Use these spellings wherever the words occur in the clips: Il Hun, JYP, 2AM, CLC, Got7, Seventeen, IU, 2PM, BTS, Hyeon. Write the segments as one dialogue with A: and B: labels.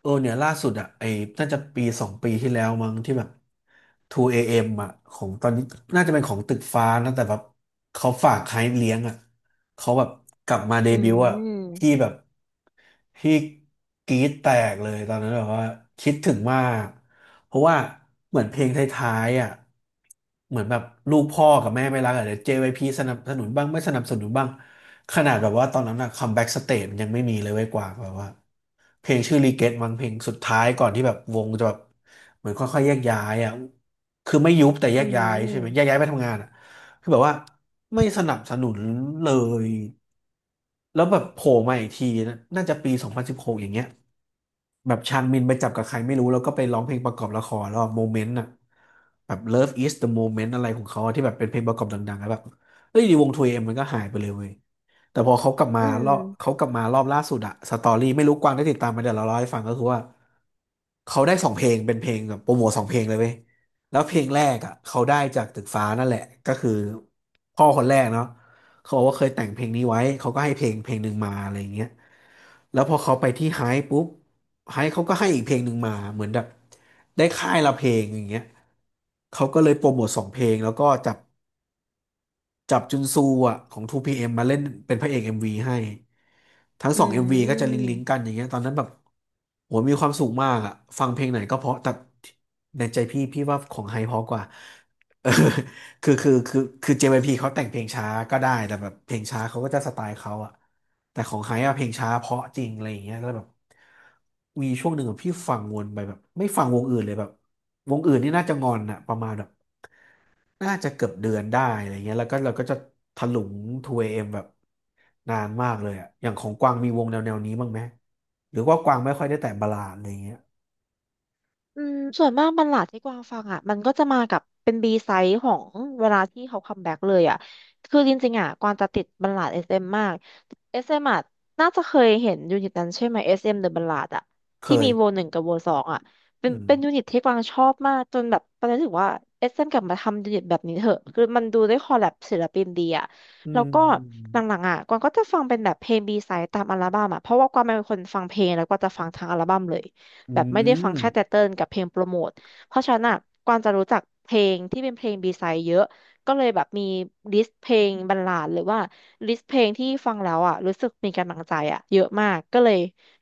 A: เออเนี่ยล่าสุดอ่ะไอ้น่าจะปีสองปีที่แล้วมั้งที่แบบ2 AM อเอ็มอ่ะของตอนนี้น่าจะเป็นของตึกฟ้านะแต่แบบเขาฝากใครเลี้ยงอ่ะเขาแบบกลับมาเด
B: อื
A: บิวต์อ่ะ
B: ม
A: พี่แบบพี่กรี๊ดแตกเลยตอนนั้นแบบว่าคิดถึงมากเพราะว่าเหมือนเพลงท้ายๆอ่ะเหมือนแบบลูกพ่อกับแม่ไม่รักอะเดี๋ยว JYP สนับสนุนบ้างไม่สนับสนุนบ้าง ขนาดแบบว่าตอนนั้นอะคัมแบ็กสเตจมันยังไม่มีเลยเว้ยกว่างแบบว่าเพลงชื่อรีเกตมั้งเพลงสุดท้ายก่อนที่แบบวงจะแบบเหมือนค่อยๆแยกย้ายอ่ะคือไม่ยุบแต่แย
B: อื
A: กย้ายใช่ไหมแยก
B: ม
A: ย้ายไปทำงานอ่ะคือแบบว่าไม่สนับสนุนเลยแล้วแบบโผล่มาอีกทีนะน่าจะปี2016อย่างเงี้ย แบบชางมินไปจับกับใครไม่รู้แล้วก็ไปร้องเพลงประกอบละครแล้วโมเมนต์อะ moment อะแบบ Love is the moment อะไรของเขาอะที่แบบเป็นเพลงประกอบดังๆแล้วแบบเอ้ยดีวงทูเอ็มมันก็หายไปเลยเว้ยแต่พอเขากลับมา
B: อื
A: รอบเขา
B: ม
A: กลับมารอบล่าสุดอะสตอรี่ไม่รู้กวางได้ติดตามไหมเดี๋ยวเราเล่าให้ฟังก็คือว่าเขาได้สองเพลงเป็นเพลงแบบโปรโมทสองเพลงเลยเว้ยแล้วเพลงแรกอะเขาได้จากตึกฟ้านั่นแหละก็คือพ่อคนแรกเนาะเขาบอกว่าเคยแต่งเพลงนี้ไว้เขาก็ให้เพลงหนึ่งมาอะไรอย่างเงี้ยแล้วพอเขาไปที่ไฮป์ปุ๊บ ไฮเขาก็ให้อีกเพลงหนึ่งมาเหมือนแบบได้ค่ายละเพลงอย่างเงี้ยเขาก็เลยโปรโมทสองเพลงแล้วก็จับ จับจุนซูอ่ะของ 2PM มมาเล่นเป็นพระเอก MV ให้ทั้ง
B: อื
A: สอง
B: ม
A: MV
B: อื
A: ก็
B: ม
A: จะ
B: อื
A: ลิงก์ลิงกกั
B: ม
A: นอย่างเงี้ยตอนนั้นแบบโหมีความสุขมากอ่ะฟังเพลงไหนก็เพราะแต่ในใจพี่ว่าของไฮเพราะกว่า เออคือ j พ p เขาแต่งเพลงช้าก็ได้แต่แบบเพลงช้าเขาก็จะสไตล์เขาอ่ะแต่ของไฮอะเพลงช้าเพราะจริงอะไรอย่างเงี้ยแล้วแบบมีช่วงหนึ่งอะพี่ฟังวนไปแบบไม่ฟังวงอื่นเลยแบบวงอื่นนี่น่าจะงอนอะประมาณแบบ น่าจะเกือบเดือนได้อะไรเงี้ยแล้วก็เราก็จะถลุง 2AM แบบนานมากเลยอะอย่างของกวางมีวงแนวนี้บ้างไหมหรือว่ากวางไม่ค่อยได้แต่บัลลาดอะไรเงี้ย
B: อืมส่วนมากบันหลาดที่กวางฟังอ่ะมันก็จะมากับเป็นบีไซด์ของเวลาที่เขาคัมแบ็กเลยอ่ะคือจริงๆอ่ะกวางจะติดบัลลาดเอสเอ็มมากเอสเอ็มอ่ะน่าจะเคยเห็นยูนิตนั้นใช่ไหมเอสเอ็มเดอะบัลลาดอ่ะ
A: เค
B: ที่มีโว
A: ย
B: หนึ่งกับโวสองอ่ะเป็น
A: อืม
B: เป็นยูนิตที่กวางชอบมากจนแบบตอนนี้ถึงว่าเอสเอ็มกลับมาทำยูนิตแบบนี้เถอะคือมันดูได้คอลแลบศิลปินดีอ่ะ
A: อื
B: แล้วก็ห
A: ม
B: ลังๆอ่ะกวางก็จะฟังเป็นแบบเพลงบีไซด์ตามอัลบั้มอ่ะเพราะว่ากวางเป็นคนฟังเพลงแล้วก็จะฟังทั้งอัลบั้มเลย
A: อื
B: แบบไม่ได้ฟังแค่แต่
A: ม
B: เติ้ลกับเพลงโปรโมทเพราะฉะนั้นอ่ะกวางจะรู้จักเพลงที่เป็นเพลงบีไซด์เยอะ ก็เลยแบบมีลิสต์เพลงบรรลาดหรือว่าลิสต์เพลงที่ฟังแล้วอ่ะรู้สึกมีกำลังใจอ่ะเยอะมากก็เลย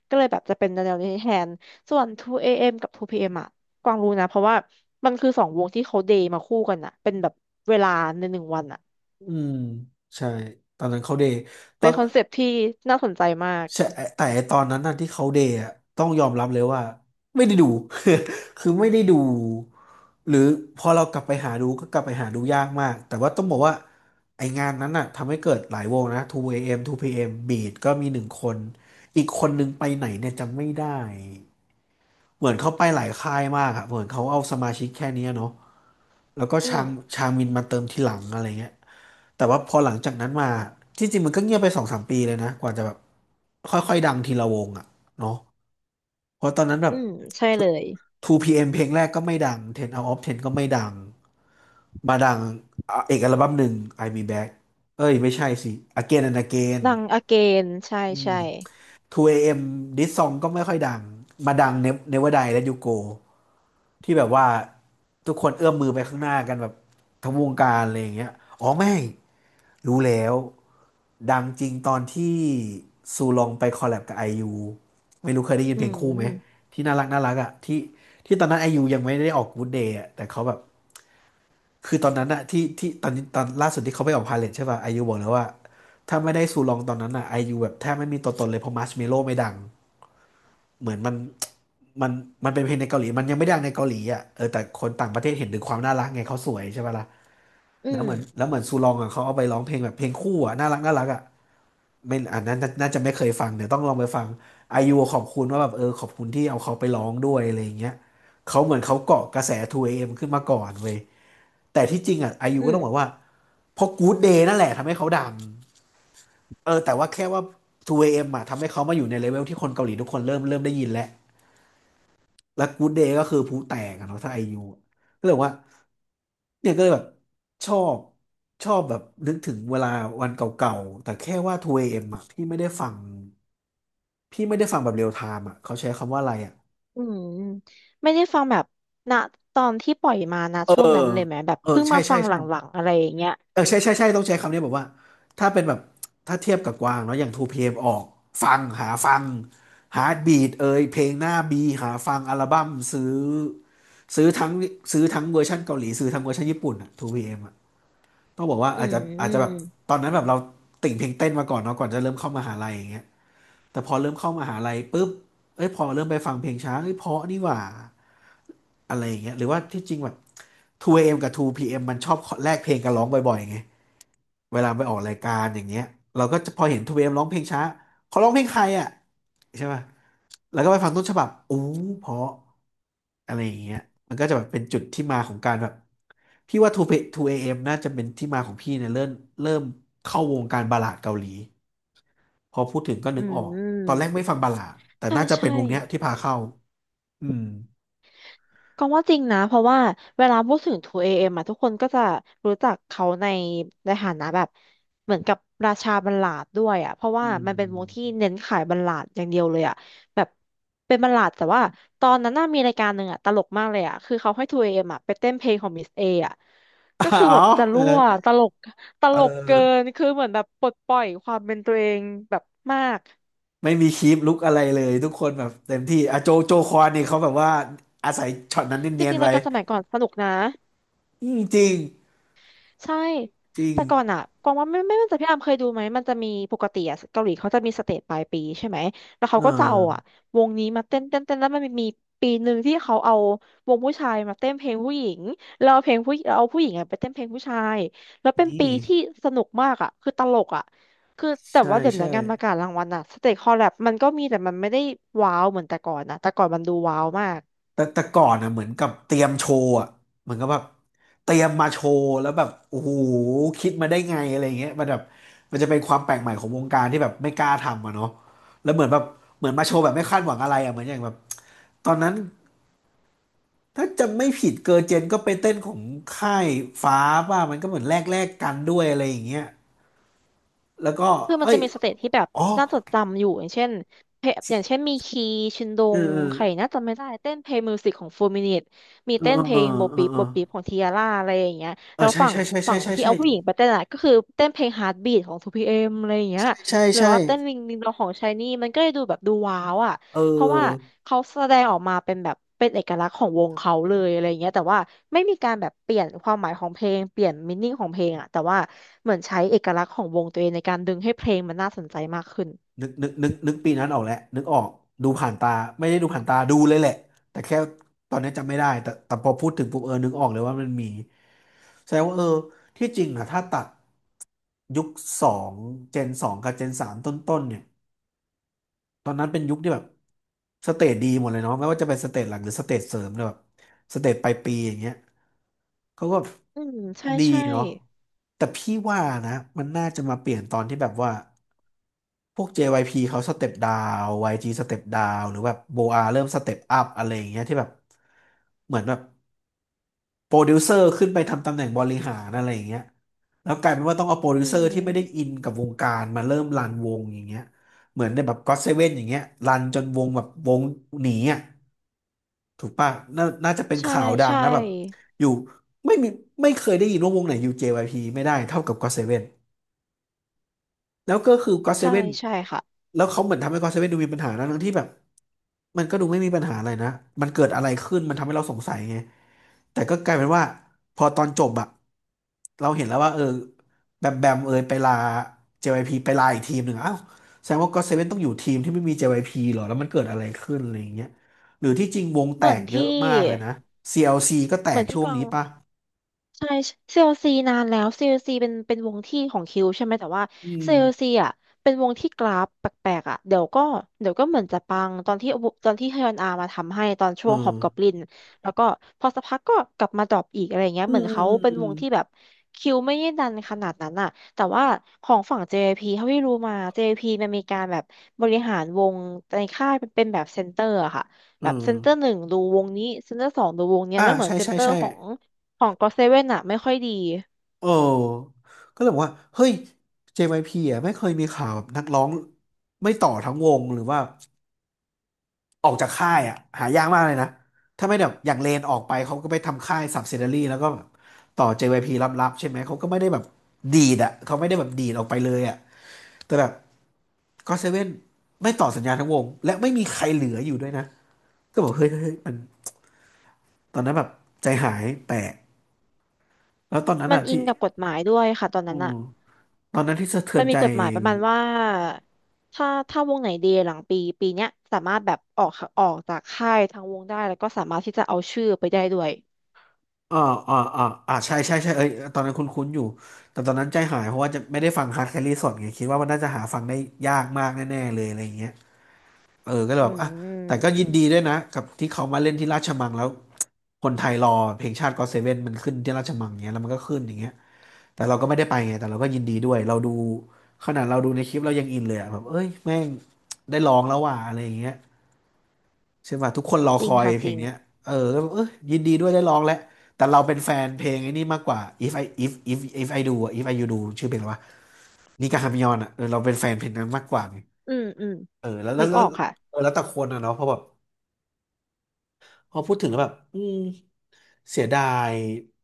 B: ก็เลยแบบจะเป็นแนวนี้แทนส่วน2 AM กับ2 PM อมอ่ะกวางรู้นะเพราะว่ามันคือสองวงที่เขาเดย์มาคู่กันอ่ะเป็นแบบเวลาในหนึ่งวันอ่ะ
A: อืมใช่ตอนนั้นเขาเดย์ตอ
B: เป็น
A: น
B: คอนเซปต์ที่น่าสนใจมาก
A: ใช่แต่ไอ้ตอนนั้นน่ะที่เขาเดย์อะต้องยอมรับเลยว่าไม่ได้ดู คือไม่ได้ดูหรือพอเรากลับไปหาดูก็กลับไปหาดูยากมากแต่ว่าต้องบอกว่าไองานนั้นน่ะทำให้เกิดหลายวงนะ 2AM 2PM Beat ก็มีหนึ่งคนอีกคนนึงไปไหนเนี่ยจำไม่ได้เหมือนเขาไปหลายค่ายมากอะเหมือนเขาเอาสมาชิกแค่เนี้ยเนาะแล้วก็
B: อื
A: ชา
B: ม
A: งชางมินมาเติมทีหลังอะไรเงี้ย แต่ว่าพอหลังจากนั้นมาที่จริงมันก็เงียบไปสองสามปีเลยนะกว่าจะแบบค่อยๆดังทีละวงอ่ะเนาะเพราะตอนนั้นแบบ
B: อืมใช่เลย
A: 2PM เอ็มเพลงแรกก็ไม่ดัง10 out of 10ก็ไม่ดังมาดังอ่ะเอกอัลบั้มหนึ่ง I Me Back เอ้ยไม่ใช่สิ Again and Again
B: ดังอเกนใช่
A: อืม
B: ใช่
A: 2AM This Song ก็ไม่ค่อยดังมาดัง Never Die และ You Go ที่แบบว่าทุกคนเอื้อมมือไปข้างหน้ากันแบบทั้งวงการอะไรอย่างเงี้ยอ๋อไม่รู้แล้ว ดังจริงตอนที่ซูลองไปคอลแลบกับไอยูไม่รู้เคยได้ยิน
B: อื
A: เพลงคู่ไหม
B: ม
A: ที่น่ารักอ่ะที่ตอนนั้นไอยูยังไม่ได้ออก Good Day อ่ะแต่เขาแบบคือตอนนั้นอ่ะที่ตอนนี้ตอนล่าสุดที่เขาไปออกพาเลทใช่ป่ะไอยูบอกแล้วว่าถ้าไม่ได้ซูลองตอนนั้นอ่ะไอยูแบบแทบไม่มีตัวตนเลยเพราะมัชเมโลไม่ดังเหมือนมันมันเป็นเพลงในเกาหลีมันยังไม่ดังในเกาหลีอ่ะเออแต่คนต่างประเทศเห็นถึงความน่ารักไงเขาสวยใช่ป่ะล่ะ
B: อื
A: แล้วเหมือน
B: ม
A: แล้วเหมือนซูลองอ่ะเขาเอาไปร้องเพลงแบบเพลงคู่อ่ะน่ารักอ่ะ ไม่อันนั้นน่าจะไม่เคยฟังเดี๋ยวต้องลองไปฟังไอยูขอบคุณว่าแบบเออขอบคุณที่เอาเขาไปร้องด้วยอะไรอย่างเงี้ยเขาเหมือนเขาเกาะกระแส 2AM ขึ้นมาก่อนเว้ยแต่ที่จริงอ่ะไอยู
B: อื
A: ก็ต้องบอ
B: ม
A: กว่าเพราะ Good Day นั่นแหละทำให้เขาดังเออแต่ว่าแค่ว่า 2AM อเอ็มอ่ะทำให้เขามาอยู่ในเลเวลที่คนเกาหลีทุกคนเริ่มได้ยินแล้วและ Good Day ก็คือผู้แตกอะเนาะถ้าไอยูก็เลยบอกว่าเนี่ยก็เลยแบบชอบชอบแบบนึกถึงเวลาวันเก่าๆแต่แค่ว่า 2AM อเอ็มอ่ะพี่ไม่ได้ฟัง พี่ไม่ได้ฟังแบบเรียลไทม์อ่ะเขาใช้คำว่าอะไรอ่ะ
B: อืม ไม่ได้ฟังแบบณตอนที่ปล่อยมานะ
A: เออ
B: ช่วงนั้นเลยไหม แบบ
A: เออ
B: เพิ่ง
A: ใช่
B: มาฟั
A: ใช่
B: งหล
A: ใช่
B: ังๆอะไรอย่างเงี้ย
A: เออใช่ใช่ใช่ต้องใช้คำนี้แบบว่าถ้าเป็นแบบถ้าเทียบกับกวางเนาะอย่าง 2PM อมออกฟังหาฟังฮาร์ดบีทเอยเพลงหน้าบีหาฟังอัลบั้มซื้อซื้อทั้งซื้อทั้งเวอร์ชันเกาหลีซื้อทั้งเวอร์ชันญี่ปุ่นอ่ะ 2PM ต้องบอกว่า
B: อื
A: อาจจะแบบ
B: ม
A: ตอนนั้นแบบเราติ่งเพลงเต้นมาก่อนเนาะก่อนจะเริ่มเข้ามหาลัยอย่างเงี้ยแต่พอเริ่มเข้ามหาลัยปุ๊บเอ้ยพอเริ่มไปฟังเพลงช้าเอ้ยเพราะนี่หว่าอะไรอย่างเงี้ยหรือว่าที่จริงแบบ 2AM กับ 2PM มมันชอบแลกเพลงกันร้องบ่อยๆไง เวลาไปออกรายการอย่างเงี้ยเราก็จะพอเห็นทูเอมร้องเพลงช้าเขาร้องเพลงใครอ่ะใช่ป่ะแล้วก็ไปฟังต้นฉบับอู้เพราะอะไรอย่างเงี้ยมันก็จะแบบเป็นจุดที่มาของการแบบพี่ว่าทูเอ a m น่าจะเป็นที่มาของพี่เนี่ยเริ่มเข้าวงการบัลลาดเกาหลีพอพูดถึงก็นึ
B: อื
A: กออก
B: ม
A: ตอนแรกไม่ฟังบัลลาดแต่
B: ใช่
A: น่าจะเป็น
B: ใช่
A: วงเนี้ยที่พาเข้าอืม
B: ก็ว่าจริงนะเพราะว่าเวลาพูดถึง 2AM อเอ็มอะทุกคนก็จะรู้จักเขาในฐานะแบบเหมือนกับราชาบัลลาดด้วยอะเพราะ
A: อื
B: ว่ามันเป็นวงที่
A: ม
B: เน้นขายบัลลาดอย่างเดียวเลยอะแบบเป็นบัลลาดแต่ว่าตอนนั้นน่ามีรายการหนึ่งอะตลกมากเลยอะคือเขาให้ 2AM อเอ็มอะไปเต้นเพลงของมิสเออะก็
A: อ๋
B: คือแบ
A: อ
B: บจะ
A: เออ
B: รั่วตลกต
A: เอ
B: ลกเกิน
A: อ
B: คือเหมือนแบบปลดปล่อยความเป็นตัวเองแบบมาก
A: ไม่มีคีปลุกอะไรเลยทุกคนแบบเต็มที่อะโจโจคอนนี่เขาแบบว่าอาศัยช็อตนั้น
B: จ
A: เนียน
B: ริ
A: ๆ
B: งๆรา
A: ไว้
B: ยการสมัยก่อนสนุกนะ
A: อืมจริง
B: ใช่
A: จริง
B: แต่ก่อนอ่ะกวางว่าไม่แน่ใจพี่อามเคยดูไหมมันจะมีปกติอ่ะเกาหลีเขาจะมีสเตจปลายปีใช่ไหมแล้ว
A: เอ
B: เขาก็จะเอาอ่ะ
A: อ
B: วงนี้มาเต้นแล้วมันมีปีหนึ่งที่เขาเอาวงผู้ชายมาเต้นเพลงผู้หญิงแล้วเอาเพลงผู้แล้วเอาผู้หญิงอ่ะไปเต้นเพลงผู้ชายแล้วเป็น
A: นี่
B: ปีที่สนุกมากอ่ะคือตลกอ่ะคือแต่
A: ใช่
B: ว่าเดี๋ยว
A: ใช่
B: นี้งานประกาศรางวัลอ่ะสเตจคอลแลบมันก็มีแต่มันไม่ได้ว้าวเหมือนแต่ก่อนนะแต่ก่อนมันดูว้าวมาก
A: แต่แต่ก่อนอ่ะเหมือนกับเตรียมโชว์อ่ะเหมือนกับแบบเตรียมมาโชว์แล้วแบบโอ้โหคิดมาได้ไงอะไรอย่างเงี้ยมันแบบมันจะเป็นความแปลกใหม่ของวงการที่แบบไม่กล้าทำอ่ะเนาะแล้วเหมือนแบบเหมือนมาโชว์แบบไม่คาดหวังอะไรอ่ะเหมือนอย่างแบบตอนนั้น ถ้าจำไม่ผิดเกอร์เจนก็ไปเต้นของค่ายฟ้าป่ะมันก็เหมือนแลกกันด้วยอะไรอย่างเงี้ยแล้วก็
B: คือมัน
A: เอ้
B: จะ
A: ย
B: มีสเตจที่แบบ
A: อ๋อ
B: น่าจดจำอยู่อย่างเช่นเพลงอย่างเช่นมีคีชินด
A: เออ
B: ง
A: เออ
B: ใครน่าจะไม่ได้เต้นเพลงมิวสิกของโฟมินิตมี
A: เออ
B: เต้นเพ
A: เอ
B: ลง
A: อ
B: โบ
A: เอ
B: ปี
A: อเออ
B: โบปีของทียาร่าอะไรอย่างเงี้ย
A: ใช่
B: แล้ว
A: ใช่
B: ฝั่ง
A: ใช่ใช่ใช่
B: ที่
A: ใช่
B: เอาผู้หญิงไปเต้นอะก็คือเต้นเพลงฮาร์ดบีทของทพ p เอมอะไรอย่างเงี้ย
A: ใช่ใช่
B: หรือ
A: ใช่
B: ว่าเต้นวิงวิงดองของชายนี่มันก็เลยดูแบบดูว้าวอ่ะ
A: เ
B: เพราะว่า
A: ออ
B: เขาแสดงออกมาเป็นแบบเป็นเอกลักษณ์ของวงเขาเลยอะไรเงี้ยแต่ว่าไม่มีการแบบเปลี่ยนความหมายของเพลงเปลี่ยนมินนิ่งของเพลงอะแต่ว่าเหมือนใช้เอกลักษณ์ของวงตัวเองในการดึงให้เพลงมันน่าสนใจมากขึ้น
A: นึกปีนั้นออกแหละนึกออกดูผ่านตาไม่ได้ดูผ่านตาดูเลยแหละแต่แค่ตอนนี้จำไม่ได้แต่พอพูดถึงปุ๊บเออนึกออกเลยว่ามันมีแสดงว่าเออที่จริงอะถ้าตัดยุคสองเจนสองกับเจนสามต้นๆเนี่ย ตอนนั้นเป็นยุคที่แบบสเตจดีหมดเลยเนาะไม่ว่าจะเป็นสเตจหลักหรือสเตจเสริมเนี่ยแบบสเตจปลายปีอย่างเงี้ยเขาก็
B: อืมใช่
A: ดี
B: ใช่
A: เนาะแต่พี่ว่านะมันน่าจะมาเปลี่ยนตอนที่แบบว่าพวก JYP เขาสเต็ปดาว YG สเต็ปดาวหรือแบบโบอาเริ่มสเต็ปอัพอะไรอย่างเงี้ยที่แบบเหมือนแบบ โปรดิวเซอร์ขึ้นไปทำตำแหน่งบริหารอะไรอย่างเงี้ยแล้วกลายเป็นว่าต้องเอาโปร
B: อื
A: ดิวเซอร์ที่ไม่ได้
B: ม
A: อินกับวงการมาเริ่มรันวงอย่างเงี้ยเหมือนในแบบก็อตเซเว่นอย่างเงี้ยรันจนวงแบบวงหนีอ่ะถูกป่ะน่าจะเป็น
B: ใช่
A: ข่าวดัง
B: ใช่
A: นะแบบอยู่ไม่มีไม่เคยได้ยินว่าวงไหนอยู่ JYP ไม่ได้เท่ากับก็อตเซเว่น แล้วก็คือก็อตเซ
B: ใช่
A: เว่น
B: ใช่ค่ะ
A: แล้วเขาเหมือนทำให้ก็อตเซเว่นดูมีปัญหานะทั้งที่แบบมันก็ดูไม่มีปัญหาอะไรนะมันเกิดอะไรขึ้นมันทำให้เราสงสัยไงแต่ก็กลายเป็นว่าพอตอนจบอะเราเห็นแล้วว่าเออแบมแบมเอยไปลา JYP ไปลาอีกทีมหนึ่งอ้าวแสดงว่าก็อตเซเว่นต้องอยู่ทีมที่ไม่มี JYP เหรอแล้วมันเกิดอะไรขึ้นอะไรอย่างเงี้ยหรือที่จริงวงแต
B: เหมือ
A: ก
B: น
A: เย
B: ที่
A: อะมากเลยนะ CLC ก็แต
B: เหมื
A: ก
B: อนที่
A: ช่ว
B: ก
A: ง
B: วาง
A: นี้ป่ะ
B: ใช่ CLC นานแล้ว CLC เป็นเป็นวงที่ของคิวใช่ไหมแต่ว่า
A: อืม
B: CLC อลซีอ่ะเป็นวงที่กราฟแปลกๆอ่ะเดี๋ยวก็เหมือนจะปังตอนที่ฮยอนอามาทำให้ตอน
A: เอ
B: ช่วงฮอ
A: อ
B: บกอบลินแล้วก็พอสักพักก็กลับมาดรอปอีกอะไรเงี้ย
A: อื
B: เหมื
A: ม
B: อน
A: อืม
B: เขา
A: อื
B: เป็น
A: ม
B: วงที่แบบคิวไม่ได้ดันขนาดนั้นอ่ะแต่ว่าของฝั่ง JYP เจพีเท่าที่รู้มา JYP มันมีการแบบบริหารวงในค่ายเป็นแบบเซนเตอร์อะค่ะ
A: อื
B: แบบ
A: ม
B: เซนเตอร์หนึ่งดูวงนี้เซนเตอร์สองดูวงเนี้
A: เอ
B: ย
A: ออ่า
B: แล้วเหมือ
A: ใช่
B: นเซน
A: ใช่
B: เตอร์
A: ใช่
B: ของ ของก็เซเว่นอะไม่ค่อยดี
A: เออก็เลยบอกว่า เฮ้ย JYP อ่ะไม่เคยมีข่าวแบบนักร้องไม่ต่อทั้งวงหรือว่าออกจากค่ายอ่ะหายากมากเลยนะถ้าไม่แบบอย่างเลนออกไปเขาก็ไปทำค่าย subsidiary แล้วก็แบบต่อ JYP ลับๆใช่ไหมเขาก็ไม่ได้แบบดีดอ่ะเขาไม่ได้แบบดีดออกไปเลยอ่ะแต่แบบก็เซเว่นไม่ต่อสัญญาทั้งวงและไม่มีใครเหลืออยู่ด้วยนะก็บอกเฮ้ยมันตอนนั้นแบบใจหายแปลกแล้วตอนนั้น
B: มัน
A: อ่ะ
B: อิ
A: ที่
B: งกับกฎหมายด้วยค่ะตอน
A: อื
B: นั้น
A: ม
B: อะ
A: ตอนนั้นที่สะเทือ
B: มั
A: น
B: นมี
A: ใจ
B: กฎหมายประมาณว่าถ้าวงไหนเดย์หลังปีปีเนี้ยสามารถแบบออกออกจากค่ายทางวงได้แล้วก็สามารถที่จะเอาชื่อไปได้ด้วย
A: อ่าอ่าอ่าใช่ใช่ใช่เอ้ย ตอนนั้นคุ้นๆอยู่ แต่ตอนนั้นใจหาย เพราะว่าจะไม่ได้ฟังฮาร์ดแครี่สดไงคิดว่ามันน่าจะหาฟังได้ยากมากแน่ๆเลยอะไรอย่างเงี้ยเออก็เลย
B: อื
A: แบบแต่ก็ยิน
B: ม
A: ดีด้วยนะกับที่เขามาเล่นที่ราชมังแล้ว คนไทยรอเพลงชาติก็เซเว่นมันขึ้นที่ราชมังเงี้ยแล้วมันก็ขึ้นอย่างเงี้ยแต่เราก็ไม่ได้ไปไงแต่เราก็ยินดีด้วยเราดูขนาดเราดูในคลิปเรายังอินเลยอะแบบเอ้ยแม่งได้ร้องแล้วว่ะอะไรอย่างเงี้ย ใช่ป่ะทุกคนรอ
B: จ
A: ค
B: ริง
A: อย
B: ค่ะ
A: เพ
B: จ
A: ล
B: ริ
A: ง
B: ง
A: เนี้ยเออก็เออยินดีด้วยได้ร้องแล้วแต่เราเป็นแฟนเพลงไอ้นี่มากกว่า if I if if I do อะ if I you do ชื่อเพลงอะไรวะนี่ก็ฮามยอนอ่ะเออเราเป็นแฟนเพลงนั้นมากกว่าไง
B: อืมอืม
A: เออแล้วแล้
B: นึ
A: ว
B: ก
A: แล้
B: อ
A: ว
B: อกค่ะ
A: เออแล้วแต่คนอ่ะเนาะเพราะแบบ พอพูดถึงแล้วแบบอืมเสียดาย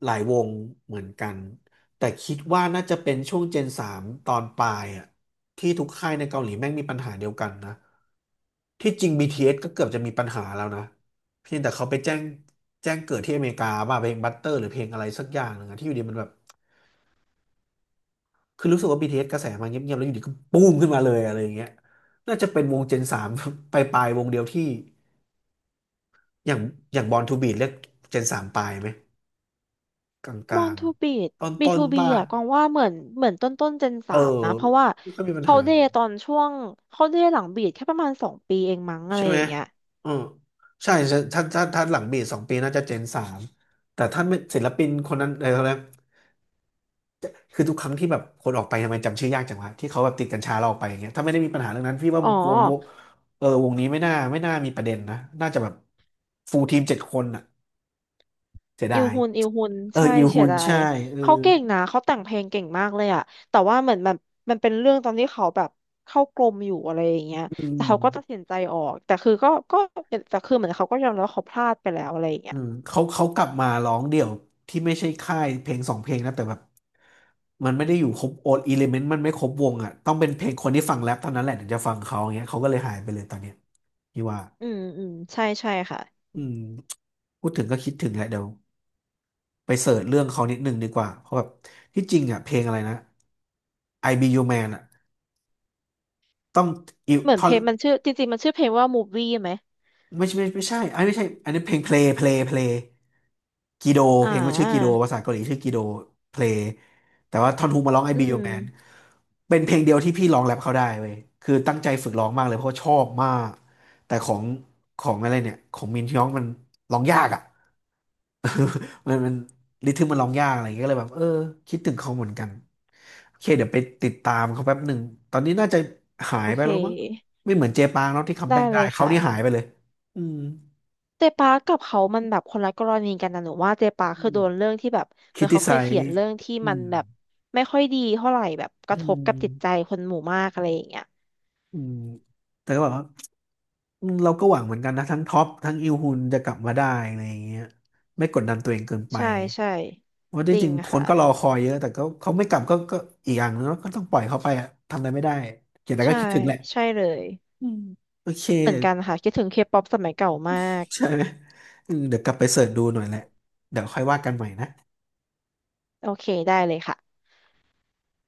A: หลายวงเหมือนกันแต่คิดว่าน่าจะเป็นช่วงเจนสามตอนปลายอะที่ทุกค่ายในเกาหลีแม่งมีปัญหาเดียวกันนะที่จริง BTS ก็เกือบจะมีปัญหาแล้วนะเพียงแต่เขาไปแจ้งเกิดที่อเมริกาว่าเพลงบัตเตอร์หรือเพลงอะไรสักอย่างหนึ่งอะที่อยู่ดีมันแบบคือรู้สึกว่า BTS กระแสมาเงียบๆแล้วอยู่ดีก็ปุ้มขึ้นมาเลยอะไรอย่างเงี้ยน่าจะเป็นวงเจนสาม ปลายๆวงเดียวที่อย่างอย่างบอลทูบีทเรียกเจนสามปลายไหม ก
B: มอ
A: ลา
B: น
A: ง
B: ทูบีด
A: ๆต
B: บี
A: ้น
B: ทู
A: ๆ
B: บี
A: ป่ะ
B: อะกองว่าเหมือนเหมือนต้นเจน
A: เอ
B: สา
A: อ
B: มนะ เพราะว่า
A: ไม่ค่อยมีปัญ
B: เขา
A: หา
B: เดย์ตอนช่วงเขาเดย์หลังบีดแค่ประมาณสองปีเองมั้งอะไร
A: ใช่
B: อ
A: ไหม
B: ย่างเงี้ย
A: เออใช่ถ้าหลังเบสสองปีน่าจะเจนสามแต่ถ้าไม่ศิลปินคนนั้นอะไรเขาเรียกคือทุกครั้งที่แบบคนออกไปทำไมจำชื่อยากจังวะ ที่เขาแบบติดกัญชาเราออกไปอย่างเงี้ยถ้าไม่ได้มีปัญหาเรื่องนั้นพี่ว่า
B: อ๋อ
A: วงเออวงนี้ไม่น่ามีประเด็นนะ น่าจะแบบฟูลทีมเจ็ดคนอ่ะเสีย
B: อิ
A: ดา
B: ล
A: ย
B: ฮุนอิลฮุน
A: เออ
B: ใช่
A: อิล
B: เสี
A: ฮุ
B: ย
A: น
B: ดาย
A: ใช่เออ
B: เขาเก่งนะเขาแต่งเพลงเก่งมากเลยอะแต่ว่าเหมือนแบบมันเป็นเรื่องตอนที่เขาแบบเข้ากรมอยู่อะไรอย่างเงี้ย
A: อื
B: แต่เขาก็ตัด
A: ม
B: สินใจออกแต่คือก็แต่คือเหมือนเขาก็ยอมรับว่าเขาพลาดไปแล้วอะไรอย่างเงี้ย
A: เขากลับมาร้องเดี่ยวที่ไม่ใช่ค่ายเพลงสองเพลงนะแต่แบบมันไม่ได้อยู่ครบโอดอิเลเมนต์มันไม่ครบวงอ่ะต้องเป็นเพลงคนที่ฟังแรปเท่านั้นแหละถึงจะฟังเขาอย่างเงี้ยเขาก็เลยหายไปเลยตอนเนี้ยพี่ว่า
B: อืมอืมใช่ใช่ค่ะ
A: อืมพูดถึงก็คิดถึงแหละเดี๋ยวไปเสิร์ชเรื่องเขานิดนึงดีกว่าเพราะแบบที่จริงอ่ะเพลงอะไรนะ I Be Your Man อ่ะต้องอิว
B: เหมือน
A: ท่อ
B: เพ
A: น
B: ลงมันชื่อจริงๆมันชื่อเพลงว่า m o v i ่ไหม
A: ไม่ใช่อันนี้ไม่ใช่อันนี้เพลงเพล y กีโดเพ
B: อ่า
A: ลงว่าชื่อกีโดภาษาเกาหลีชื่อกีโดเพล y แต่ว่าทอนฮุมาร้อง I
B: อื
A: Be Your
B: ม
A: Man เป็นเพลงเดียวที่พี่ร้องแรปเขาได้เว้ยคือตั้งใจฝึกร้องมากเลยเพราะว่าชอบมากแต่ของอะไรเนี่ยของมินฮยองมันร้องยากอ่ะ มันริทึมมันร้องยากอะไรอย่างเงี้ยก็เลยแบบเออคิดถึงเขาเหมือนกันโอเคเดี๋ยวไปติดตามเขาแป๊บหนึ่งตอนนี้น่าจะหา
B: โอ
A: ยไป
B: เค
A: แล้วมั้งไม่เหมือนเจปางเนาะที่คัม
B: ได้
A: แบ็ก
B: เล
A: ได้
B: ย
A: เขา
B: ค่ะ
A: นี่หายไปเลย อืม
B: เจปากับเขามันแบบคนละกรณีกันนะหนูว่าเจปา
A: อื
B: คือ
A: ม
B: โดนเรื่องที่แบบเห
A: คิ
B: มื
A: ด
B: อน
A: ที
B: เขา
A: ไซ
B: เคยเขียน
A: ส์
B: เรื่องที่
A: อื
B: มัน
A: ม
B: แบบไม่ค่อยดีเท่าไหร่แบบก
A: อื
B: ระทบกับจิตใจ
A: ม
B: คนหมู่มากอะไรอย่างเงี้ย
A: อืมแต่ก็แบบว่าอืมเราก็หวังเหมือนกันนะทั้งท็อปทั้งอิลฮุนจะกลับมาได้อะไรอย่างเงี้ยไม่กดดันตัวเองเกินไป
B: ใช่ใช่
A: เพราะ
B: จ
A: ที่
B: ริ
A: จ
B: ง
A: ริงคน
B: ค่ะ
A: ก็รอคอยเยอะแต่ก็เขาไม่กลับก็อีกอย่างนึงแล้วก็ต้องปล่อยเขาไปอะทำอะไรไม่ได้อย่างไรก็
B: ใช่
A: คิดถึงแหละ
B: ใช่เลย
A: อืมโอเค
B: เหมือนกันค่ะคิดถึงเคป๊อปสมัยเก่ามาก
A: ใช่ไหมอืมเดี๋ยวกลับไปเสิร์ชดูหน่อยแหละเดี๋ยวค่อยว่ากันใหม่นะ
B: โอเคได้เลยค่ะ